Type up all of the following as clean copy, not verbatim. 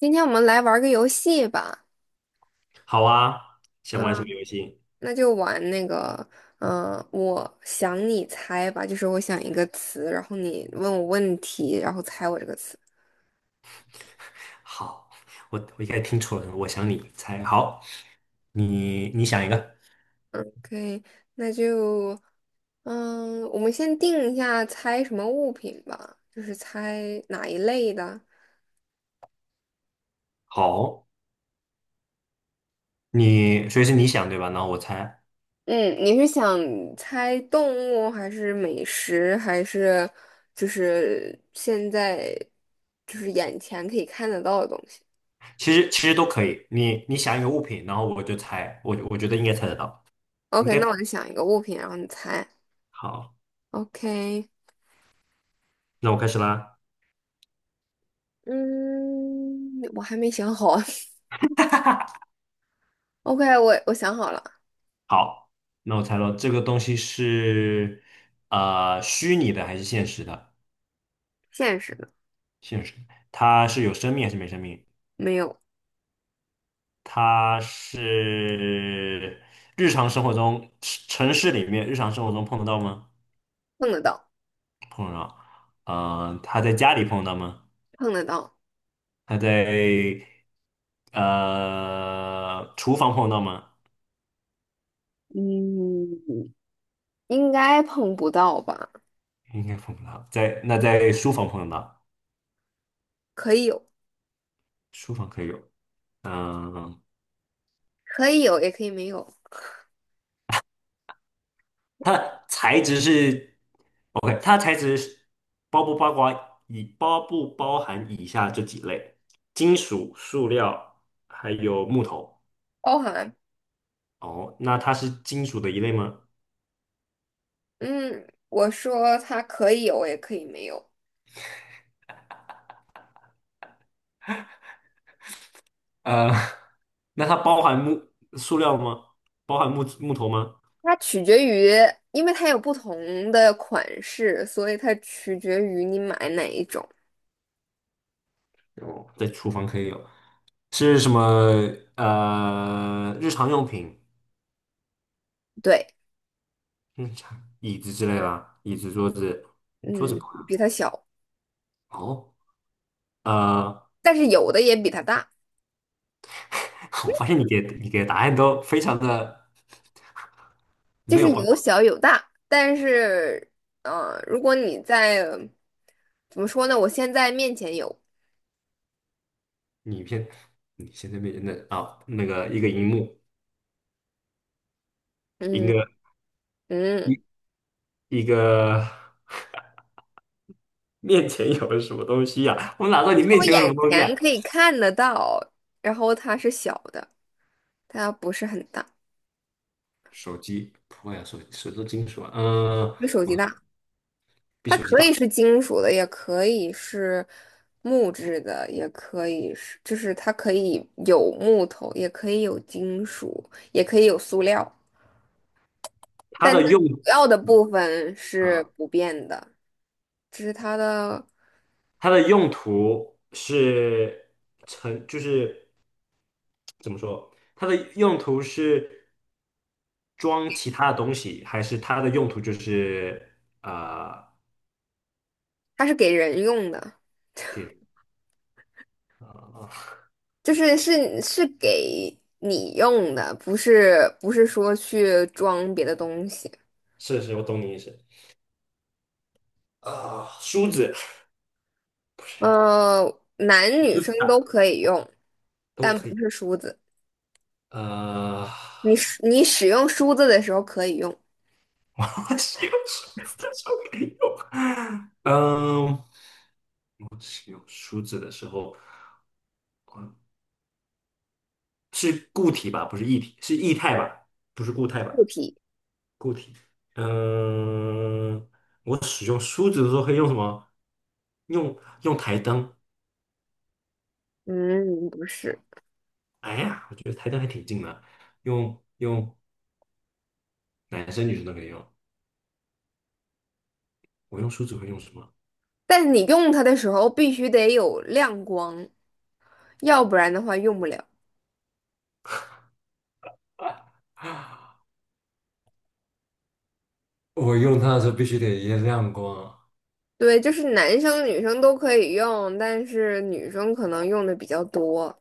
今天我们来玩个游戏吧，好啊，想玩什么嗯，游戏？那就玩那个，我想你猜吧，就是我想一个词，然后你问我问题，然后猜我这个词。好，我应该听错了，我想你猜。好，你想一个。OK,那就，我们先定一下猜什么物品吧，就是猜哪一类的。好，你所以是你想对吧？然后我猜，嗯，你是想猜动物，还是美食，还是就是现在就是眼前可以看得到的东西？其实都可以。你想一个物品，然后我就猜，我觉得应该猜得到，应 OK，该那我就想一个物品，然后你猜。好。OK,那我开始啦。嗯，我还没想好啊 OK,我想好了，好，那我猜了，这个东西是虚拟的还是现实的？现实的，现实，它是有生命还是没生命？没有，它是日常生活中城市里面日常生活中碰得到吗？碰得到，碰得到。他在家里碰得到吗？碰得到，他在厨房碰得到吗？嗯，应该碰不到吧？应该碰不到。在书房碰得到，可以有，书房可以有。嗯、可以有，也可以没有，它的材质是 OK，它的材质是包不包含以下这几类：金属、塑料还有木头。包含，哦，那它是金属的一类吗？嗯，我说它可以有，也可以没有，呃，那它包含塑料吗？包含木头吗？它取决于，因为它有不同的款式，所以它取决于你买哪一种。哦，在厨房可以有，是什么？日常用品，对，椅子之类的，椅子、桌子，桌子嗯，不含比它小，哦，呃，但是有的也比它大。我发现你给的答案都非常的就没是有帮有助。小有大，但是，如果你在，怎么说呢？我现在面前有，你偏你现在面前的那个一个荧幕，一嗯个嗯，一一个面前有什么东西呀？我哪知道就你是面我前有什么眼东西啊？前可以看得到，然后它是小的，它不是很大，手机不会啊，手机都金属啊，比手机我大。比它手机可以大。是金属的，也可以是木质的，也可以是，就是它可以有木头，也可以有金属，也可以有塑料，它但的它用，主要的嗯部分是啊、不变的，这是它的。它的用途是就是怎么说？它的用途是装其他的东西，还是它的用途就是啊、它是给人用的，给啊、就是给你用的，不是说去装别的东西。是是，我懂你意思。梳子，不是，呃，男女梳生子都啊，可以用，都但可不以。是梳子。呃，你使用梳子的时候可以用，我是用梳子就可以用。嗯，使用梳子的时候，嗯，是固体吧？不是液体，是液态吧？不是固态吧？固体。嗯，我使用梳子的时候可以用什么？用用台灯。嗯，不是。哎呀，我觉得台灯还挺近的。用用男生女生都可以用。我用梳子会用什么？但是你用它的时候必须得有亮光，要不然的话用不了。我用它的时候必须得一亮光。对，就是男生女生都可以用，但是女生可能用的比较多。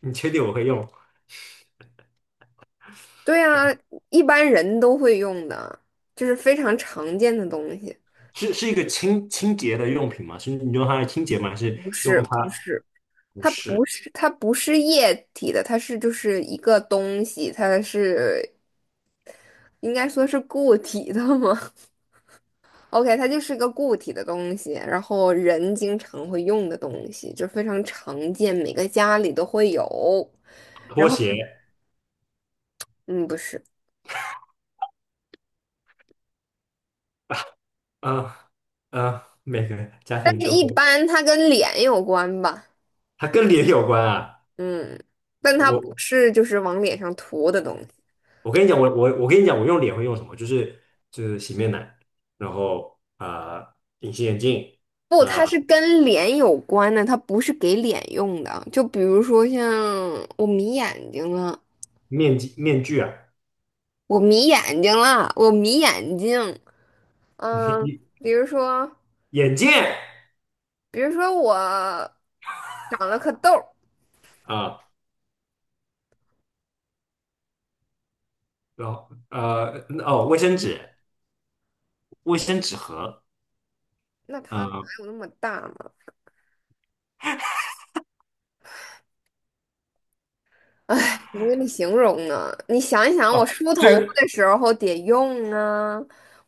你确定我会用？对啊，一般人都会用的，就是非常常见的东西。是一个清洁的用品吗？是你用它来清洁吗？还是不是，用它？不是，不它不是，是，它不是液体的，它是就是一个东西，它是应该说是固体的吗 ？OK，它就是个固体的东西，然后人经常会用的东西，就非常常见，每个家里都会有。拖鞋。嗯，不是，啊每个家但庭是都一会，般它跟脸有关吧？它跟脸有关啊。嗯，但它不我是就是往脸上涂的东西。我跟你讲，我跟你讲，我用脸会用什么？就是洗面奶，然后隐形眼镜，不，啊、它呃是跟脸有关的，它不是给脸用的。就比如说像我迷眼睛了，面具啊，我迷眼睛了，我迷眼睛。嗯，眼比如说，眼镜，比如说我长了颗痘儿，啊、然后哦，卫生纸、卫生纸盒，那啊、它哪呃有那么大呢？哎，我给你形容啊，你想一想，我哦，梳头发这的时候得用啊，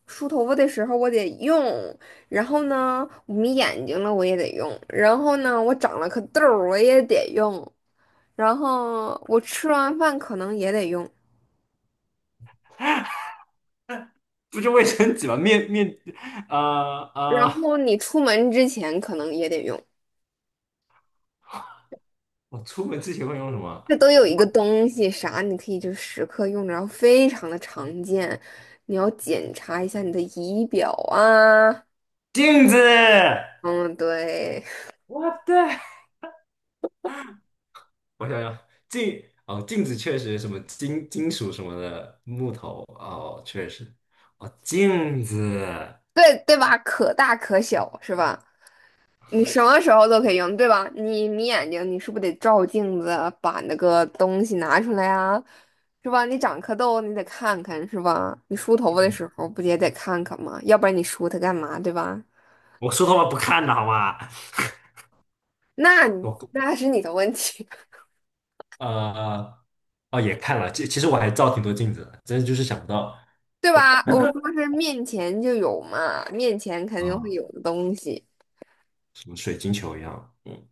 梳头发的时候我得用，然后呢，我眯眼睛了我也得用，然后呢，我长了颗痘儿我也得用，然后我吃完饭可能也得用，不就卫生纸吗？啊啊、呃然呃后你出门之前可能也得用，我出门之前会用什么？这都有一个东西啥，你可以就时刻用着，然后非常的常见，你要检查一下你的仪表啊，镜子。嗯，对。我的。我想想，哦，镜子确实什么金属什么的，木头哦，确实哦，镜子。对对吧？可大可小是吧？你什么时候都可以用，对吧？你眯眼睛，你是不是得照镜子，把那个东西拿出来啊？是吧？你长颗痘，你得看看是吧？你梳头发的时候不也得看看吗？要不然你梳它干嘛，对吧？我说的话不看的好吗？那你我那是你的问题，呃哦也看了，其实我还照挺多镜子的，真的就是想不到，对吧？我说是面前就有嘛，面前肯定会嗯，有的东西。什么水晶球一样，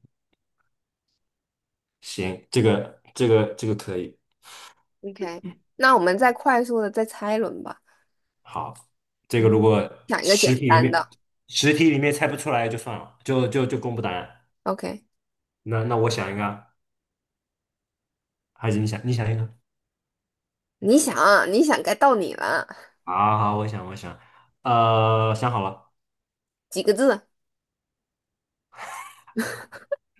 行，这个可以。OK，那我们再快速的再猜一轮吧。好，这个嗯，如果想一个实简体里单面的。实体里面猜不出来就算了，就公布答案。OK。那我想一个，还是你想一个？你想啊你想，该到你了。好好，我想，想好了，几个字？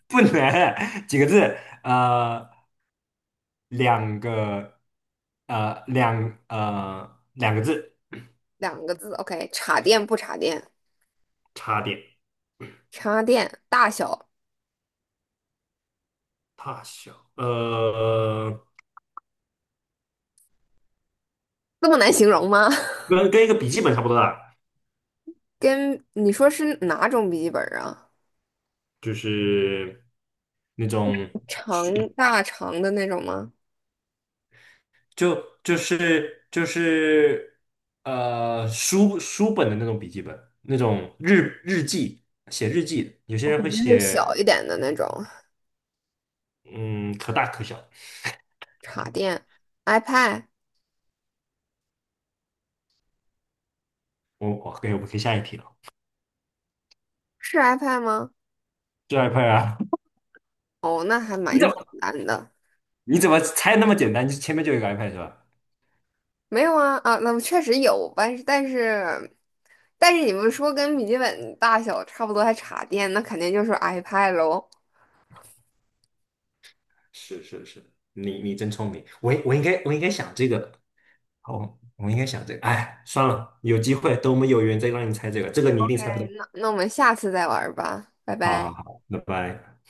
不能 几个字，呃，两个，两个字，两个字。OK，插电不插电？差点，插电大小大小，这么难形容吗？跟一个笔记本差不多大，跟你说是哪种笔记本啊？就是那种，长大长的那种吗？就是，书本的那种笔记本，那种日记，写日记的，有些我人肯会定是小写，一点的那种。嗯，可大可小。插电，iPad 我们可以下一题了，是 iPad 吗？是 iPad 啊？哦，那还蛮你怎简么单的。你怎么猜那么简单？就前面就有一个 iPad 是吧？没有啊啊，那确实有，但是你们说跟笔记本大小差不多还插电，那肯定就是 iPad 喽。是是是，你真聪明，我应该想这个。好，我应该想这个，哎，算了，有机会等我们有缘再让你猜这个，这个你一 o 定猜不到。那我们下次再玩儿吧，拜好好拜。好，拜拜。